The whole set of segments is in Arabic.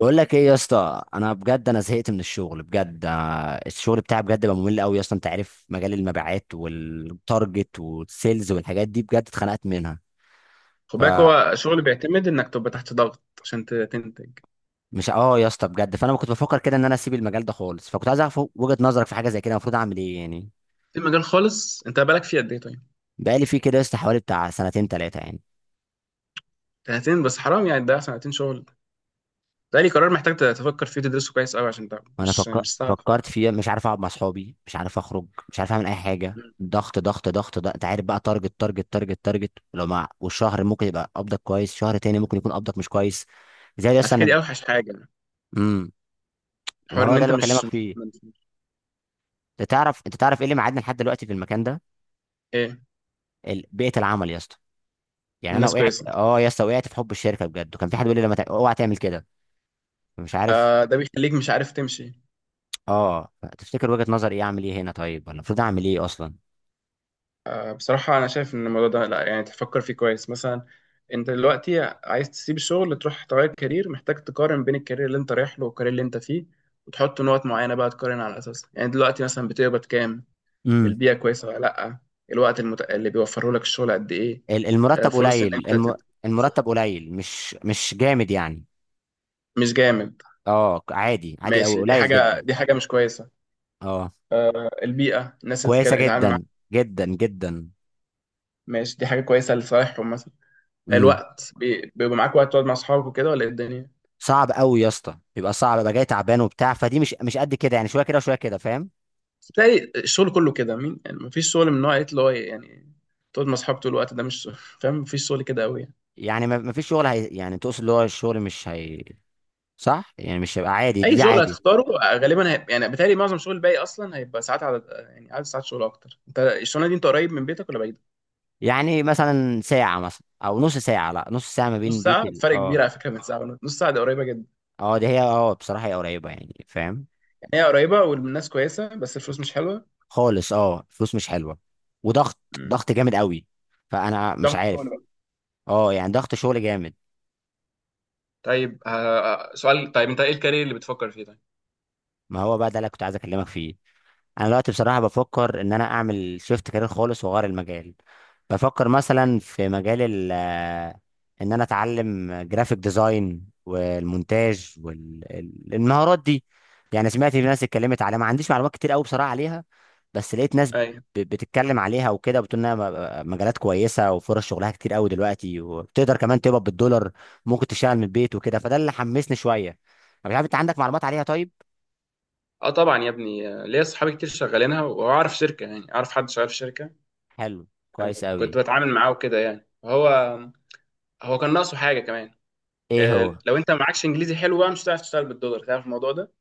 بقول لك ايه يا اسطى، انا بجد انا زهقت من الشغل بجد. الشغل بتاعي بجد بقى ممل قوي يا اسطى. انت عارف مجال المبيعات والتارجت والسيلز والحاجات دي بجد اتخنقت منها. خد بالك، فمش هو شغل بيعتمد انك تبقى تحت ضغط عشان تنتج. اه يا اسطى بجد، فانا كنت بفكر كده ان انا اسيب المجال ده خالص، فكنت عايز اعرف وجهة نظرك في حاجه زي كده. المفروض اعمل ايه يعني؟ في مجال خالص انت بالك فيه قد ايه؟ طيب. بقالي فيه كده يا اسطى حوالي بتاع سنتين ثلاثه يعني. سنتين بس، حرام يعني، ده سنتين شغل. ده لي قرار محتاج تفكر فيه تدرسه كويس قوي، عشان ده مش مش سهل خالص. فكرت فيها. مش عارف اقعد مع اصحابي، مش عارف اخرج، مش عارف اعمل اي حاجه. مم. ضغط ضغط ضغط، ده انت عارف بقى، تارجت تارجت تارجت تارجت. لو مع والشهر ممكن يبقى قبضك كويس، شهر تاني ممكن يكون قبضك مش كويس. زي على اصلا فكره انا. دي اوحش حاجه. امم. ما الحوار هو ان ده انت اللي بكلمك فيه. مش- انت تعرف ايه اللي معادنا لحد دلوقتي في المكان ده. ايه؟ بيئه العمل يا اسطى. يعني انا الناس وقعت، كويسه. يا اسطى، وقعت في حب الشركه بجد. وكان في حد بيقول لي لما اوعى تعمل كده. مش عارف. ده بيخليك مش عارف تمشي، اه تفتكر وجهه نظري ايه؟ اعمل ايه هنا طيب، ولا المفروض اعمل ايه اصلا؟ بصراحة أنا شايف إن الموضوع ده لأ، يعني تفكر فيه كويس مثلا. أنت دلوقتي عايز تسيب الشغل تروح تغير كارير، محتاج تقارن بين الكارير اللي أنت رايح له والكارير اللي أنت فيه، وتحط نقط معينة بقى تقارن على أساسها. يعني دلوقتي مثلا بتقبض كام؟ امم. البيئة كويسة ولا لأ؟ الوقت اللي بيوفره لك الشغل قد إيه؟ المرتب فرص إن قليل أنت الم... ف- المرتب قليل، مش جامد يعني. مش جامد. اه، عادي عادي او ماشي، قليل جدا. دي حاجة مش كويسة. اه، البيئة، الناس اللي كويسه بتتعامل جدا، معاها. جدا جدا. ماشي، دي حاجة كويسة لصالحهم مثلا. امم. الوقت بيبقى معاك وقت تقعد مع أصحابك وكده، ولا إيه الدنيا؟ صعب قوي يا اسطى، بيبقى صعب بقى. جاي تعبان وبتاع فدي، مش قد كده يعني. شويه كده وشويه كده، فاهم. تلاقي الشغل كله كده، مين يعني مفيش شغل من نوع ايه اللي هو يعني تقعد مع اصحابك طول الوقت؟ ده مش شغل. فاهم، مفيش شغل كده قوي يعني. يعني ما فيش شغل. يعني تقصد اللي هو الشغل مش هي. صح. يعني مش هيبقى عادي. دي, اي دي شغل عادي. هتختاره غالبا هيبقى يعني، بتهيألي معظم الشغل الباقي اصلا هيبقى ساعات عدد، يعني عدد ساعات شغل اكتر. انت الشغلانه دي انت قريب من بيتك ولا بعيد؟ يعني مثلا ساعه، مثلا او نص ساعه، لا نص ساعه ما بين نص بيت ساعه فرق كبير اه. على فكره من ساعه ونص. نص ساعه دي قريبه جدا. اه دي هي، بصراحه هي قريبه يعني، فاهم. يعني هي قريبه والناس كويسه، بس الفلوس مش حلوه. خالص، اه، فلوس مش حلوه. وضغط، مم. ضغط جامد قوي. فانا ده مش عارف. شغل بقى. اه يعني ضغط شغل جامد. طيب، سؤال، طيب انت ايه الكارير اللي بتفكر فيه؟ طيب. ما هو بقى ده اللي كنت عايز اكلمك فيه. انا دلوقتي بصراحه بفكر ان انا اعمل شيفت كارير خالص واغير المجال. بفكر مثلا في مجال ال آه، ان انا اتعلم جرافيك ديزاين والمونتاج والمهارات دي. يعني سمعت في ناس اتكلمت عليها، ما عنديش معلومات كتير قوي بصراحه عليها. بس لقيت ناس ايوه. بتتكلم عليها وكده، وبتقول انها مجالات كويسه وفرص شغلها كتير قوي دلوقتي، وبتقدر كمان تقبض بالدولار. ممكن تشتغل من البيت وكده. فده اللي حمسني شويه أنا. مش عارف، انت عندك معلومات عليها طيب؟ اه طبعا يا ابني، ليا صحابي كتير شغالينها، واعرف شركه، يعني اعرف حد شغال في شركه حلو. كويس قوي. كنت بتعامل معاه وكده. يعني هو كان ناقصه حاجه كمان. ايه هو؟ لو انت معكش انجليزي حلو، بقى مش هتعرف تشتغل بالدولار، تعرف الموضوع ده؟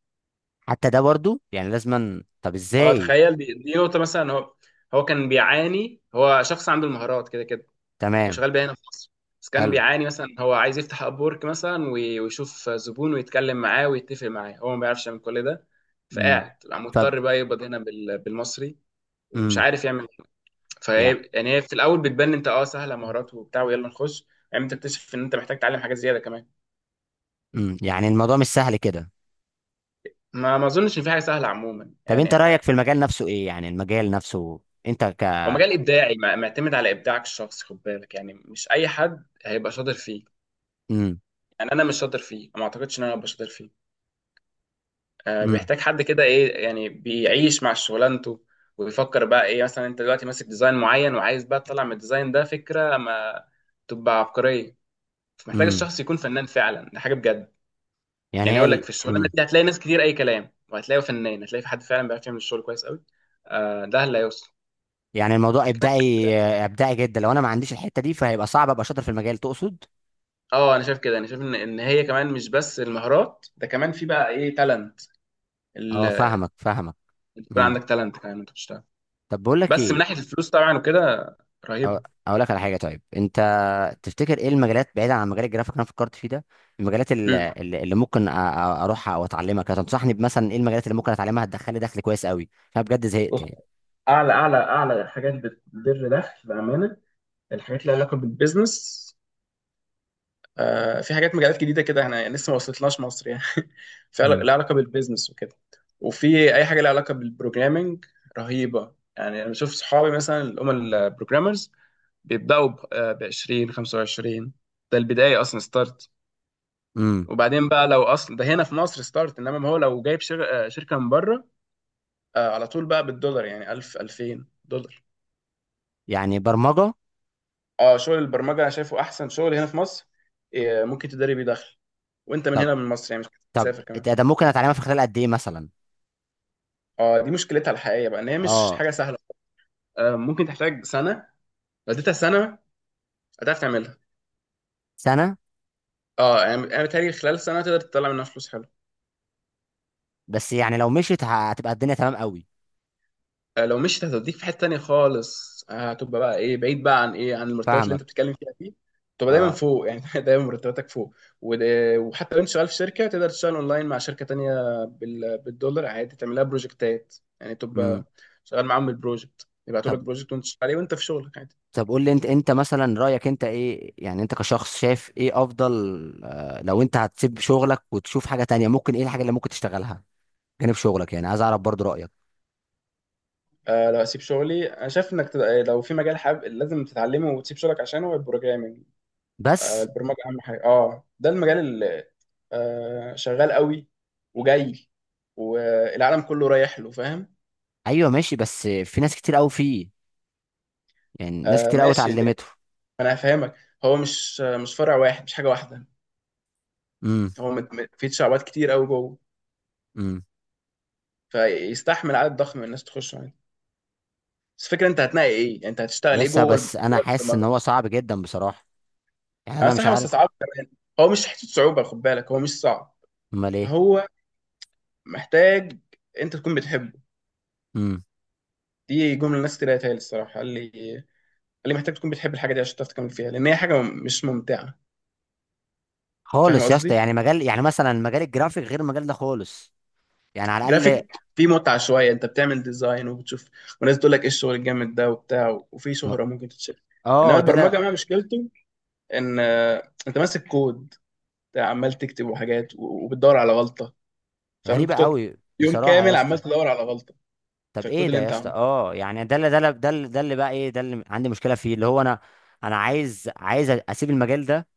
حتى ده برضو يعني لازما؟ طب اه ازاي؟ تخيل، دي نقطه مثلا. هو كان بيعاني، هو شخص عنده المهارات كده كده، تمام. وشغال بيها هنا في مصر. بس كان حلو. بيعاني، مثلا هو عايز يفتح اب ورك مثلا، ويشوف زبون ويتكلم معاه ويتفق معاه، هو ما بيعرفش يعمل كل ده. امم. فقاعد بقى طب. مضطر بقى يقبض هنا بالمصري، ومش امم. عارف يعمل. فهي يعني يعني، هي في الاول بتبان انت سهله، مهارات وبتاع ويلا نخش. يعني انت تكتشف ان انت محتاج تتعلم حاجات زياده كمان. امم. يعني الموضوع مش سهل كده. ما اظنش ان في حاجه سهله عموما طب انت يعني. رأيك في المجال نفسه ايه؟ يعني المجال نفسه. انت ك هو مجال ابداعي، معتمد على ابداعك الشخصي، خد بالك يعني مش اي حد هيبقى شاطر فيه. امم. يعني انا مش شاطر فيه، ما اعتقدش ان انا هبقى شاطر فيه. امم. بيحتاج حد كده، ايه يعني، بيعيش مع شغلانته. وبيفكر بقى، ايه مثلا انت دلوقتي ماسك ديزاين معين وعايز بقى تطلع من الديزاين ده فكره ما تبقى عبقريه. فمحتاج امم. الشخص يكون فنان فعلا، ده حاجه بجد. يعني يعني هي اقول لك، في الشغلانه امم. دي هتلاقي ناس كتير اي كلام، وهتلاقي فنان، هتلاقي في حد فعلا بيعرف يعمل الشغل كويس قوي. ده اللي هيوصل. يعني الموضوع ابداعي، ابداعي جدا. لو انا ما عنديش الحتة دي فهيبقى صعب ابقى شاطر في المجال، تقصد؟ اه انا شايف كده، انا شايف ان هي كمان مش بس المهارات، ده كمان في بقى ايه، تالنت. اه فاهمك، فاهمك. يكون امم. عندك تالنت كمان انت بتشتغل. طب بقول لك بس من ايه. ناحيه الفلوس طبعا وكده، أو- رهيبه. اقول لك على حاجة. طيب انت تفتكر ايه المجالات بعيدا عن مجال الجرافيك اللي انا فكرت فيه ده؟ المجالات امم. اللي ممكن اروحها او اتعلمها كده، تنصحني بمثلا ايه؟ المجالات اللي ممكن اتعلمها هتدخل لي دخل كويس قوي. انا بجد زهقت بص، يعني. اعلى اعلى اعلى حاجات بتدر دخل بامانه الحاجات اللي لها علاقه بالبيزنس. في حاجات، مجالات جديده كده احنا لسه ما وصلتلناش مصر يعني. في امم. لها علاقه بالبيزنس وكده، وفي اي حاجه لها علاقه بالبروجرامينج. رهيبه يعني. انا بشوف صحابي مثلا، اللي هم البروجرامرز، بيبداوا ب 20 25، ده البدايه اصلا، ستارت. امم. وبعدين بقى، لو اصلا ده هنا في مصر ستارت، انما ما هو لو جايب شركه من بره، على طول بقى بالدولار، يعني 1000 2000 دولار. يعني برمجه. اه شغل البرمجه انا شايفه احسن شغل هنا في مصر. ممكن تداري بيه دخل وانت من طب. هنا من مصر، يعني مش محتاج طب. تسافر كمان. ده ممكن اتعلمها في خلال قد ايه مثلا؟ اه، دي مشكلتها الحقيقيه بقى ان هي مش اه، حاجه سهله. ممكن تحتاج سنه. لو اديتها سنه، هتعرف تعملها. سنه. اه يعني، انا بتهيألي خلال سنه تقدر تطلع منها فلوس حلوه. بس يعني لو مشيت هتبقى الدنيا تمام قوي. لو مشيت هتوديك في حته تانيه خالص. هتبقى بقى ايه، بعيد بقى عن ايه، عن المرتبات اللي فاهمك. انت بتتكلم فيها دي. تبقى دايما اه. فوق يعني. دايما مرتباتك فوق. وحتى لو انت شغال في شركه تقدر تشتغل اونلاين مع شركه تانيه بالدولار عادي. تعملها بروجكتات يعني، امم. تبقى شغال معاهم بالبروجكت، يبعتوا لك طب. بروجكت وانت شغال عليه وانت في شغلك عادي. طب قول لي انت مثلا رايك انت ايه؟ يعني انت كشخص شايف ايه افضل؟ لو انت هتسيب شغلك وتشوف حاجه تانية، ممكن ايه الحاجه اللي ممكن تشتغلها جانب شغلك؟ يعني عايز اعرف برضو رايك. لو اسيب شغلي، انا شايف انك لو في مجال حابب لازم تتعلمه وتسيب شغلك عشانه، البروجرامنج. بس. البرمجه اهم حاجه، اه ده المجال اللي شغال قوي وجاي، والعالم كله رايح له، فاهم. ايوه، ماشي. بس في ناس كتير قوي فيه. يعني ناس كتير قوي ماشي لأن اتعلمته. انا هفهمك، هو مش فرع واحد، مش حاجه واحده. امم. هو في شعبات كتير قوي جوه، امم. فيستحمل عدد ضخم من الناس تخش يعني. بس الفكره، انت هتنقي ايه يعني، انت هتشتغل ايه يس. جوه بس انا جوه حاسس ان البرمجه. هو صعب جدا بصراحه. يعني انا انا مش صراحه بس عارف. صعب كمان. هو مش حته صعوبه، خد بالك، هو مش صعب. امال ايه؟ هو محتاج انت تكون بتحبه. امم. دي جمله الناس كتير قالتها لي الصراحه، قال لي محتاج تكون بتحب الحاجه دي عشان تعرف تكمل فيها، لان هي حاجه مش ممتعه، فاهم خالص يا اسطى. قصدي. يعني مجال، يعني مثلا مجال الجرافيك غير المجال ده خالص، يعني على الاقل. جرافيك فيه متعه شويه، انت بتعمل ديزاين وبتشوف، وناس تقول لك ايه الشغل الجامد ده وبتاع، وفي شهره ممكن تتشال. انما اه. ده البرمجه لا. بقى مشكلته ان، انت ماسك كود بتاع عمال تكتب وحاجات، وبتدور على غلطه، فممكن غريبه تقعد قوي يوم بصراحه يا كامل اسطى. عمال تدور على غلطه في طب الكود ايه ده اللي يا انت اسطى؟ عامله. اه، يعني ده اللي بقى ايه، ده اللي عندي مشكله فيه. اللي هو انا، انا عايز اسيب المجال ده.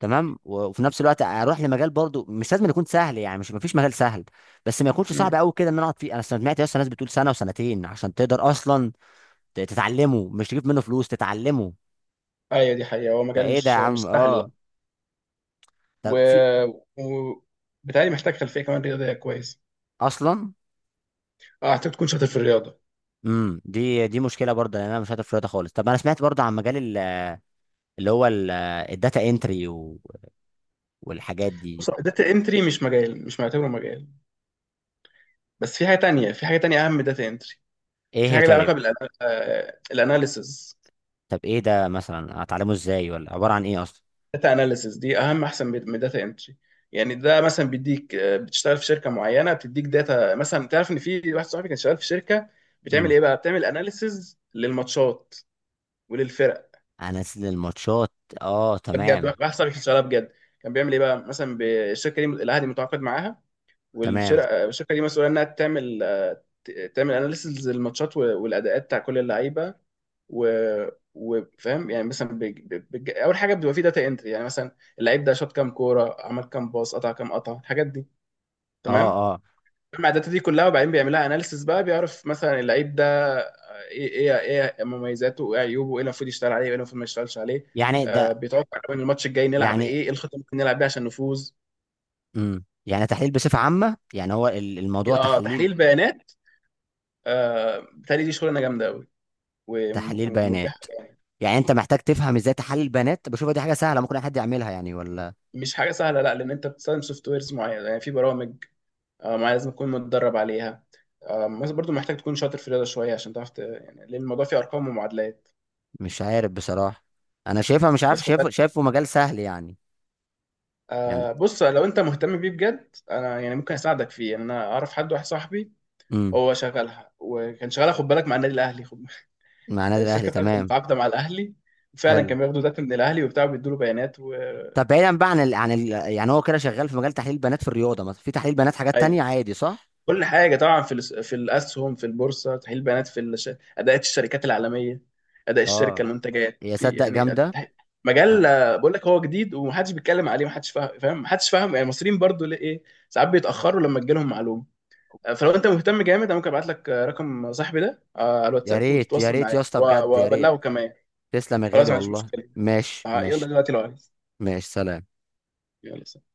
تمام. وفي نفس الوقت اروح لمجال برضو مش لازم يكون سهل، يعني مش مفيش مجال سهل. بس ما يكونش صعب مم. قوي كده ان انا اقعد فيه. انا سمعت اصلا ناس بتقول سنه وسنتين عشان تقدر اصلا تتعلمه، مش تجيب منه فلوس، تتعلمه. ايوه دي حقيقه، هو مجال فايه ده يا مش عم؟ سهل اه. يعني. و... طب في و... بتهيألي محتاج خلفيه كمان رياضيه كويس. اصلا. اه هتحتاج تكون شاطر في الرياضه. امم. دي مشكله برضه، لان انا مش شاطر في الرياضه خالص. طب انا سمعت برضه عن مجال اللي هو الداتا انتري والحاجات دي. بص، داتا انتري مش مجال، مش معتبره مجال. بس في حاجه تانية، اهم من داتا انتري. ايه في هي حاجه لها طيب؟ علاقه بالاناليسز. طب ايه ده مثلا؟ اتعلمه ازاي ولا عباره عن ايه اصلا؟ داتا اناليسز دي اهم، احسن من داتا انتري. يعني ده مثلا بيديك، بتشتغل في شركه معينه بتديك داتا مثلا. تعرف ان في واحد صاحبي كان شغال في شركه، بتعمل امم. ايه بقى؟ بتعمل اناليسز للماتشات وللفرق. انزل الماتشات. اه ده بجد تمام. واحد صاحبي كان شغال بجد. كان بيعمل ايه بقى؟ مثلا الشركه دي الاهلي متعاقد معاها، تمام. والشركه دي مسؤوله انها تعمل، تعمل اناليسز للماتشات والاداءات بتاع كل اللعيبه. و وفاهم يعني مثلا اول حاجه بتبقى في داتا انتري، يعني مثلا اللعيب ده شاط كام كوره، عمل كام باص، قطع كام قطع، الحاجات دي. اه. تمام. اه. مع الداتا دي كلها، وبعدين بيعمل لها اناليسز بقى، بيعرف مثلا اللعيب ده، ايه مميزاته، وايه عيوبه، وايه اللي المفروض يشتغل عليه، وايه اللي المفروض ما يشتغلش عليه. يعني ده. بيتوقع من الماتش الجاي نلعب يعني ايه الخطه اللي ممكن نلعب بيها عشان نفوز. امم. يعني تحليل بصفة عامة. يعني هو الموضوع اه، تحليل. تحليل بيانات. بتهيألي دي شغلانه جامده قوي، تحليل ومربحه بيانات. يعني. يعني انت محتاج تفهم ازاي تحلل بيانات؟ بشوفها دي حاجة سهلة ممكن اي حد يعملها، يعني ولا؟ مش حاجه سهله، لا، لان انت بتستخدم سوفت ويرز معينه، يعني في برامج معينه لازم تكون متدرب عليها. مثلا برضو محتاج تكون شاطر في الرياضه شويه، عشان تعرف يعني لان الموضوع فيه ارقام ومعادلات. مش عارف بصراحة. انا شايفها، مش عارف، بس خد شايفه بالك، شايفه مجال سهل يعني. يعني بص، لو انت مهتم بيه بجد، انا يعني ممكن اساعدك فيه. يعني انا اعرف حد، واحد صاحبي امم. هو شغالها، وكان شغالها خد بالك مع النادي الاهلي، خد. مع النادي الاهلي، الشركه بتاعته كانت تمام. متعاقده مع الاهلي، وفعلا حلو. كان بياخدوا داتا من الاهلي وبتاع، بيدوا له بيانات طب بعيدا بقى عن يعني هو كده شغال في مجال تحليل بيانات في الرياضة. مثلا في تحليل بيانات حاجات أيوة. تانية عادي، صح؟ كل حاجه طبعا، في في الاسهم، في البورصه تحليل بيانات، اداءات الشركات العالميه، اداء الشركه، اه، المنتجات، يا في صدق يعني جامدة. مجال، آه. بقول لك هو جديد، ومحدش بيتكلم عليه، محدش فاهم، محدش فاهم يعني. المصريين برضو ليه ايه، ساعات بيتاخروا لما تجيلهم معلومه. فلو انت مهتم جامد انا ممكن ابعت لك، رقم صاحبي ده على يا الواتساب ريت، يا وتتواصل ريت معاه يا اسطى بجد، يا ريت. وابلغه كمان. تسلم يا خلاص غالي ما عنديش والله. مشكله. ماشي. يلا ماشي. دلوقتي لو عايز. ماشي. سلام. يلا سلام.